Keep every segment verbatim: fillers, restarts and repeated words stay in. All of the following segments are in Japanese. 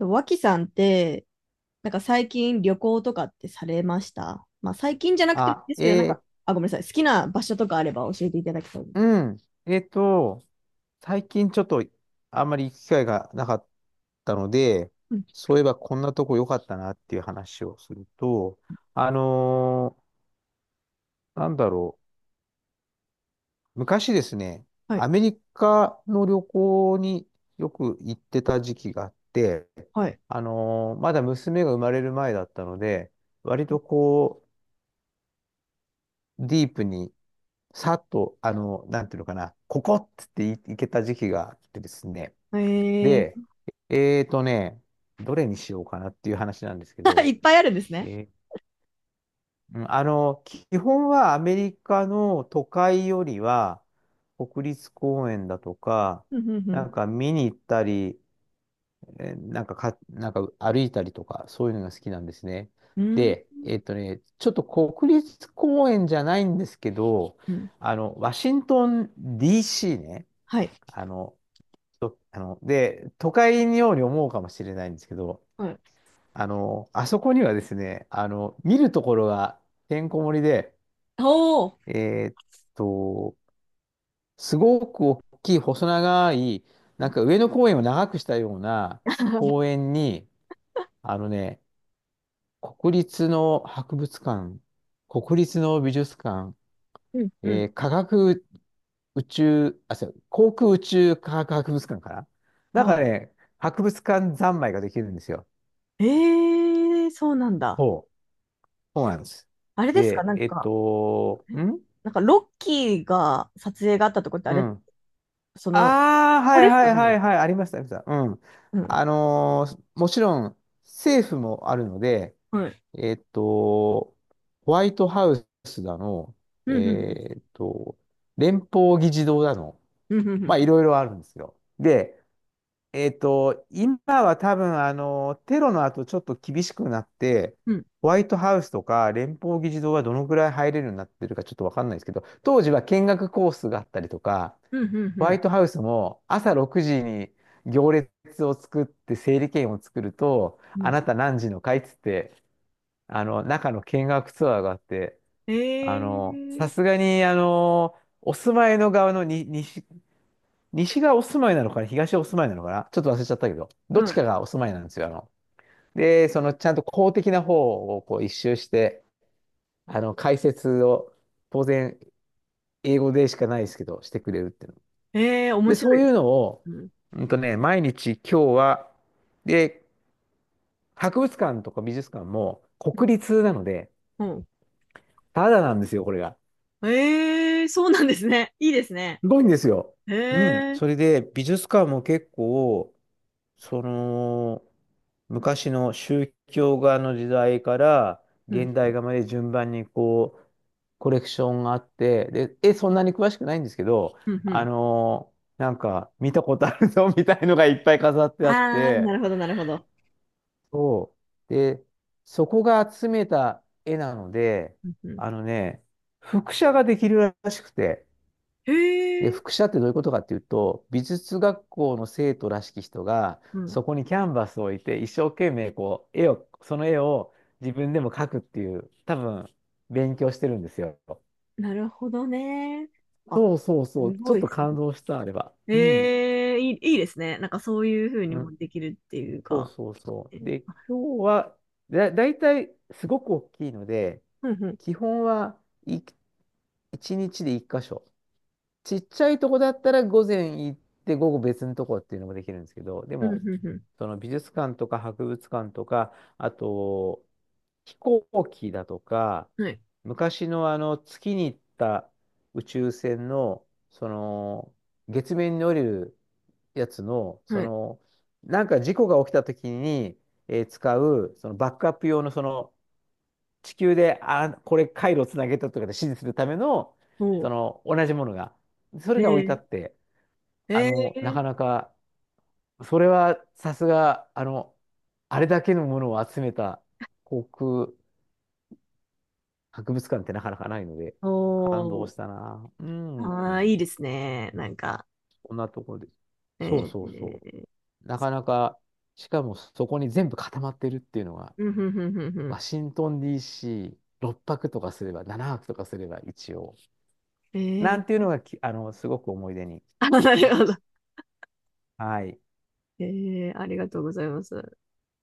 脇さんって、なんか最近旅行とかってされました？まあ最近じゃなくてもいいあ、ですけど、なんえか、ーあ、ごめんなさい。好きな場所とかあれば教えていただきたいです。うん。えっと、最近ちょっとあんまり行く機会がなかったので、うん。そういえばこんなとこ良かったなっていう話をすると、あのーなんだろう。昔ですね、はい。アメリカの旅行によく行ってた時期があって、はい。あのーまだ娘が生まれる前だったので、割とこう、ディープに、さっと、あの、なんていうのかな、ここっつってい行けた時期があってですね、えで、えーとね、どれにしようかなっていう話なんですけー、いど、っぱいあるんですね。えーうんあの、基本はアメリカの都会よりは、国立公園だとか、うん、うん、なんか見に行ったり、えーなんかか、なんか歩いたりとか、そういうのが好きなんですね。うん。うん、で、えーとね、ちょっと国立公園じゃないんですけど、うん。あの、ワシントン ディーシー ね、はい。あの、とあの、で、都会のように思うかもしれないんですけど、はい。あの、あそこにはですね、あの、見るところがてんこ盛りで、おー。えーっと、すごく大きい細長い、うなん、んか上野公園を長くしたような公 園に、あのね、国立の博物館、国立の美術館、うん、うえん。ー科学宇宙、あ、そう、航空宇宙科学博物館かななんかはね、博物館三昧ができるんですよ。い。えー、そうなんだ。そう。そうなんです。あれですかで、なんえっか、と、えんなんかロッキーが撮影があったとこってあうれ、ん。その、こああ、はこいですはかいはね？いはい、ありました、ありました。うん。うん。あのーもちろん政府もあるので、はい。えっと、ホワイトハウスだの、うん、うん、えっと、連邦議事堂だの、うん、うん、うまあいん。ろいろあるんですよ。で、えっと、今は多分、あの、テロの後ちょっと厳しくなって、うんホワイトハウスとか連邦議事堂はどのくらい入れるようになってるかちょっとわかんないですけど、当時は見学コースがあったりとか、うん、うん、うホワイん。トハウスも朝ろくじに行列を作って整理券を作ると、うあんなた何時の会っつって、あの、中の見学ツアーがあって、えあの、さー、すがに、あの、お住まいの側のに西、西がお住まいなのかな、東がお住まいなのかな、ちょっと忘れちゃったけど、どっちはかがお住まいなんですよ。あの、で、そのちゃんと公的な方をこう一周して、あの、解説を当然英語でしかないですけど、してくれるっていうの。い。えー、面で、白そいうでいうす。のを、うん。うんとね、毎日今日は、で、博物館とか美術館もうん。国立なので、ただなんですよ、これが。うんえー、そうなんですね。いいですね。すごいんですよ。えうん。ー、それで、美術館も結構、その、昔の宗教画の時代からうん。現代画まで順番にこう、コレクションがあって、で、え、そんなに詳しくないんですけど、うん、うあん。のなんか見たことあるぞ みたいのがいっぱい飾ってあっあー、なて、るほど、なるほど。そう。で、そこが集めた絵なので、うん、うん。あのね、複写ができるらしくて、えで、ー、複写ってどういうことかっていうと、美術学校の生徒らしき人が、うん。そこにキャンバスを置いて、一生懸命こう、絵を、その絵を自分でも描くっていう、多分、勉強してるんですよ。なるほどね。あ、そうそうそすう、ちょごっい、とす感ごい。動した、あれは。うん。ええ、いい、いいですね。なんかそういうふうにうん。もできるっていうそうか。そうそえう。ーで、あ今日は、だ、だいたいすごく大きいので、うん、うん。基本は、一日で一箇所。ちっちゃいとこだったら午前行って午後別のとこっていうのもできるんですけど、でうん、うも、ん、うその美術館とか博物館とか、あと、飛行機だとか、ん。はい、昔のあの月に行った宇宙船の、その月面に降りるやつの、そはい。の、なんか事故が起きた時に、えー使う、そのバックアップ用のその地球で、あ、これ回路をつなげたとかで指示するための、おそう。の同じものが、それが置いてあえって、えあえの、なえかなか、それはさすが、あの、あれだけのものを集めた航空博物館ってなかなかないので、感動おしたな。うん、ああ、いいですね。なんか、こんなところです。えそうー、そうえそーう。なかなか、しかもそこに全部固まってるっていうのが、うん、ふんふんふんふん。ワシントン ディーシー、ろくはくとかすれば、ななはくとかすれば一応。えなんていうー、のがき、あの、すごく思い出にあ、ななってまるほす。ど。はい。えー、ありがとうございます。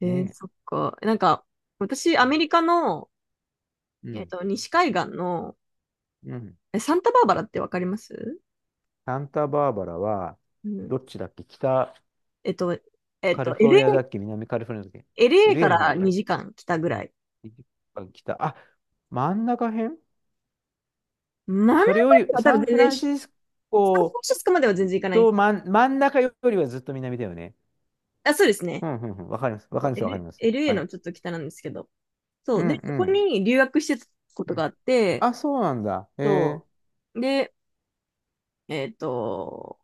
えー、ねそっか。なんか、私、アえ。うん。メリカの、うえっん。と、西海岸の、うんえ、サンタバーバラってわかります？サンタバーバラは、うん。どっちだっけ北えっと、えっカリと、フォル エルエー、ニアだっけ南カリフォルニアだっけ？ エルエーか エルエー の方だらっけにじかん来たぐらい。北。あ、真ん中辺真ん中にそれより、は多サ分ン全フラ然ンサシスンフラコンシスコまでは全然行かなとい。真ん、真ん中よりはずっと南だよね。あ、そうですね。うんうんうん。わかります。わかそりう ます。わかり L、ます。エ a はのい。ちょっと北なんですけど。そうう。で、んうそこん。に留学してたこうとがんあって、あ、そうなんだ。へえそう。で、えっと、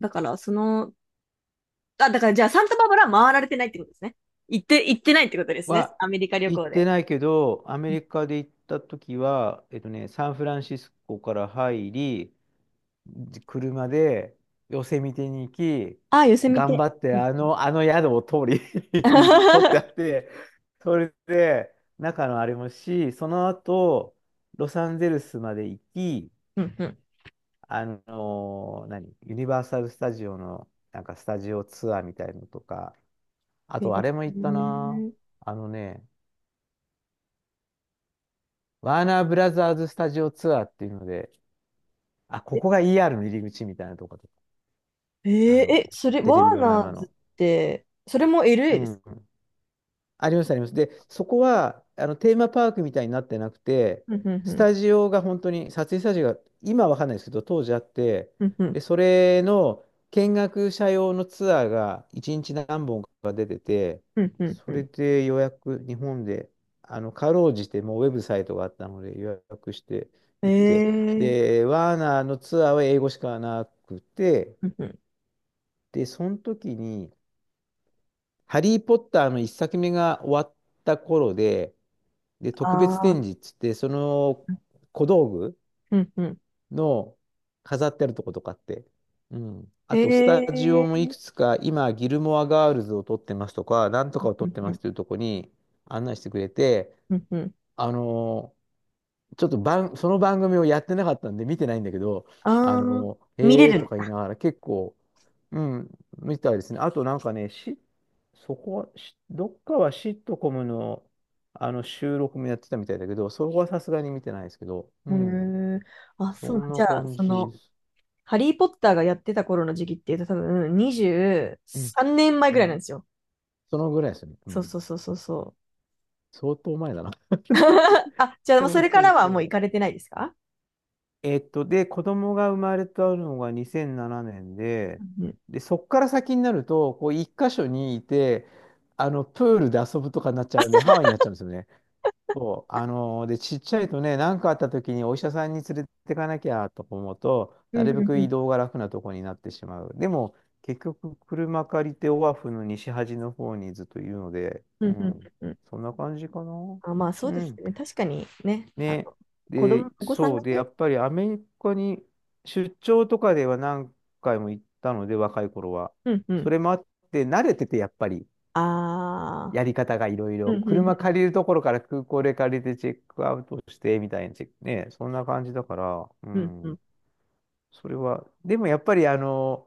だからその、あ、だからじゃあサンタバーバラは回られてないってことですね。行って、行ってないってことですね。はアメリカ旅行っ行で。てないけど、アメリカで行った時は、えっとね、サンフランシスコから入り、じ車でヨセミテに行き、ああ、寄せ見頑て。張ってうあん。の、あの宿を通り 取ってあっ て、それで中のあれもし、その後、ロサンゼルスまで行き、うんうん。あの何、ユニバーサル・スタジオのなんかスタジオツアーみたいのとか、あとあれへも行ったな。あのね、ワーナーブラザーズスタジオツアーっていうので、あ、ここが イーアール の入り口みたいなところとかえあえーの、え、それ、テレワビードラナマーズの。って、それも う エルエー ですん。か？ありますあります。で、そこは、あの、テーマパークみたいになってなくて、うんうんうスん。タジオが本当に、撮影スタジオが、今はわかんないですけど、当時あって、うんうん。で、それの見学者用のツアーがいちにち何本うんうんうそれん。で予約、日本で、あの、かろうじてもうウェブサイトがあったので予約してえ行って、ー。で、ワーナーのツアーは英語しかなくて、うんうん。で、その時に、ハリー・ポッターの一作目が終わった頃で、で、特別あ展あ。示っつって、その小道具うんうん。の飾ってあるとことかって、うん。へあと、スタジオもえ。いくつか、今、ギルモアガールズを撮ってますとか、なんとうかを撮っんてうまん。すというとこに案内してくれて、うんうん。あのーちょっと番、その番組をやってなかったんで見てないんだけど、あああ。のー見れへえとる。か言いながら結構、うん、見たいですね。あとなんかね、し、そこ、しどっかはシットコムの、あの収録もやってたみたいだけど、そこはさすがに見てないですけど、うへん、え。あ、そうそなんん。じなゃあ、感そじでの、す。ハリー・ポッターがやってた頃の時期っていうと多分23うん、年前うぐらいなん、んですよ。そのぐらいですね。うそうん、そうそうそうそう。相当前だな。あ、じゃあ、もうそそうれかそらうはそもう行う。かれてないですか？えっと、で、子供が生まれたのがにせんななねんで、うん。で、そっから先になると、こう、一箇所にいて、あの、プールで遊ぶとかになっちゃうんで、ハワイになっちゃうんですよね。そう。あのーで、ちっちゃいとね、何かあった時にお医者さんに連れてかなきゃと思うと、うなん、るうべん、くう移ん。動が楽なとこになってしまう。でも、結局、車借りてオアフの西端の方にずっといるので、ううん、うん、ん。うん。そんな感じかな。あ、まあ、そううですん。ね。確かにね、あね。の、子で、供、お子さんそがうで、ね。やっぱりアメリカに出張とかでは何回も行ったので、若い頃は。うん、うそん。れもあって、慣れてて、やっぱり、ああ。やり方がいろいうろ。ん、う車ん、借りるところから空港で借りてチェックアウトして、みたいなチェック、ね、そんな感じだから、ううん、うん。ん。それは、でもやっぱり、あの、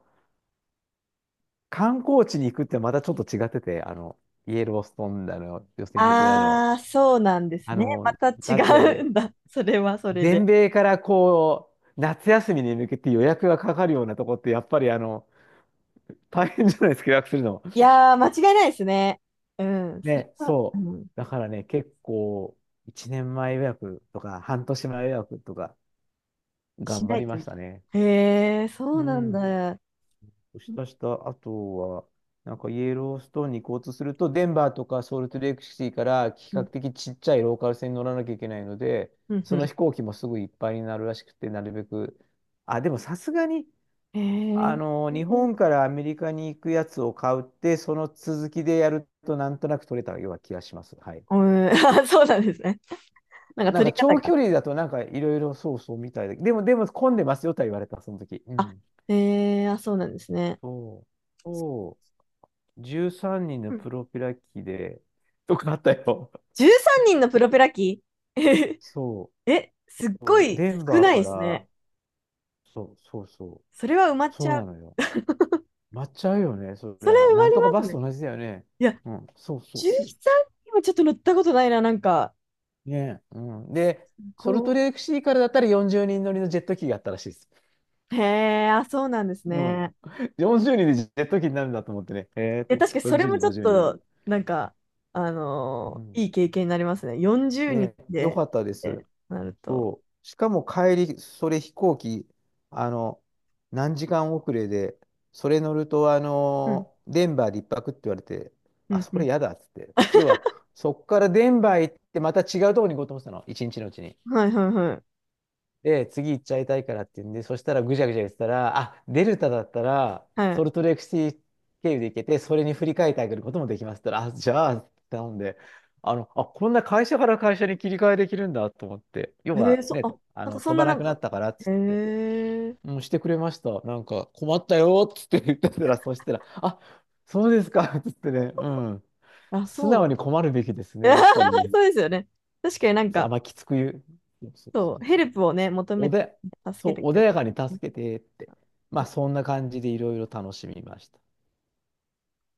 観光地に行くってまたちょっと違ってて、あの、イエローストーンだの、ヨセミテだの、ああー、そうなんですあね。まの、ただっ違うて、んだ。それはそれで。全米からこう、夏休みに向けて予約がかかるようなとこって、やっぱりあの、大変じゃないですか、予約するの。い やー、間違いないですね。うん。それね、は、うそう。ん、だからね、結構、いちねんまえ予約とか、はんとしまえ予約とか、し頑張ないりとまいしけたね。ない。へえ、そううなんん。だ。そしうんたした、あとは、なんかイエローストーンに行こうとすると、デンバーとかソルトレイクシティから比う較ん、的ちっちゃいローカル線に乗らなきゃいけないので、うん、うその飛ん。行機もすぐいっぱいになるらしくて、なるべく。あ、でもさすがに、へあえ、の、日 本からアメリカに行くやつを買うって、その続きでやるとなんとなく取れたような気がします。はい。うん、あ、そうなんですね。なんかなん取かり方長が。距離だとなんかいろいろそうそうみたいで、でも、でも混んでますよとは言われた、その時。うあ、ん。へえ、あ、そうなんですね。そう。そう。じゅうさんにんうのん。プロペラ機で、とかあったよ。じゅうさんにんのプロペラ機。 そえ、すっごう。いデン少バーないかですら、ね。そうそうそう。それは埋まっちそゃうう。なのよ。待っちゃうよね、そりそれゃ。埋なまんりとかまバすスね。と同じだよね。いや、うん。そうそうそう。じゅうさんにんはちょっと乗ったことないな、なんか。ねえ、うん。で、こソルトレークシーからだったらよんじゅうにん乗りのジェット機があったらしいです。う。へえ、あ、そうなんですうん。ね。よんじゅうにんでジェット機になるんだと思ってね。ええで、と思っ確かて。にそれ40も人、ちょっごじゅうにんの。と、なんか、あうのん。ーいい経験になりますね。よんじゅうにんねえ、よで、っかったです。てなると。そう。しかも帰り、それ飛行機、あの、何時間遅れで、それ乗ると、あうん、の、デンバーでいっぱくって言われて、うあ、ん、そうれん。やだっつって。要は、そこからデンバー行って、また違うところに行こうと思ってたの。いちにちのうちに。はい、はい、はい。で、次行っちゃいたいからって言うんで、そしたらぐちゃぐちゃ言ってたら、あ、デルタだったら、はソルトレークシティ経由で行けて、それに振り替えてあげることもできますって言ったら、あ、じゃあ、頼んで、あの、あ、こんな会社から会社に切り替えできるんだと思って、要い。へえ、はそ、ね、あ、あなんかの、そん飛なばななんくなか、ったからっつへって、え、うん、してくれました。なんか、困ったよっつって言ってたら、そしたら、あ、そうですかっつってね、うん。あ、素そう直なんにだ。困るべきですね、やっぱり ね。そうですよね。確かになんそうあんか、まきつく言う。そうそうそそう、うヘそルうプをね、求めおて、で、助そけう、てく穏れまやかにすね。助けてって。まあ、そんな感じでいろいろ楽しみました。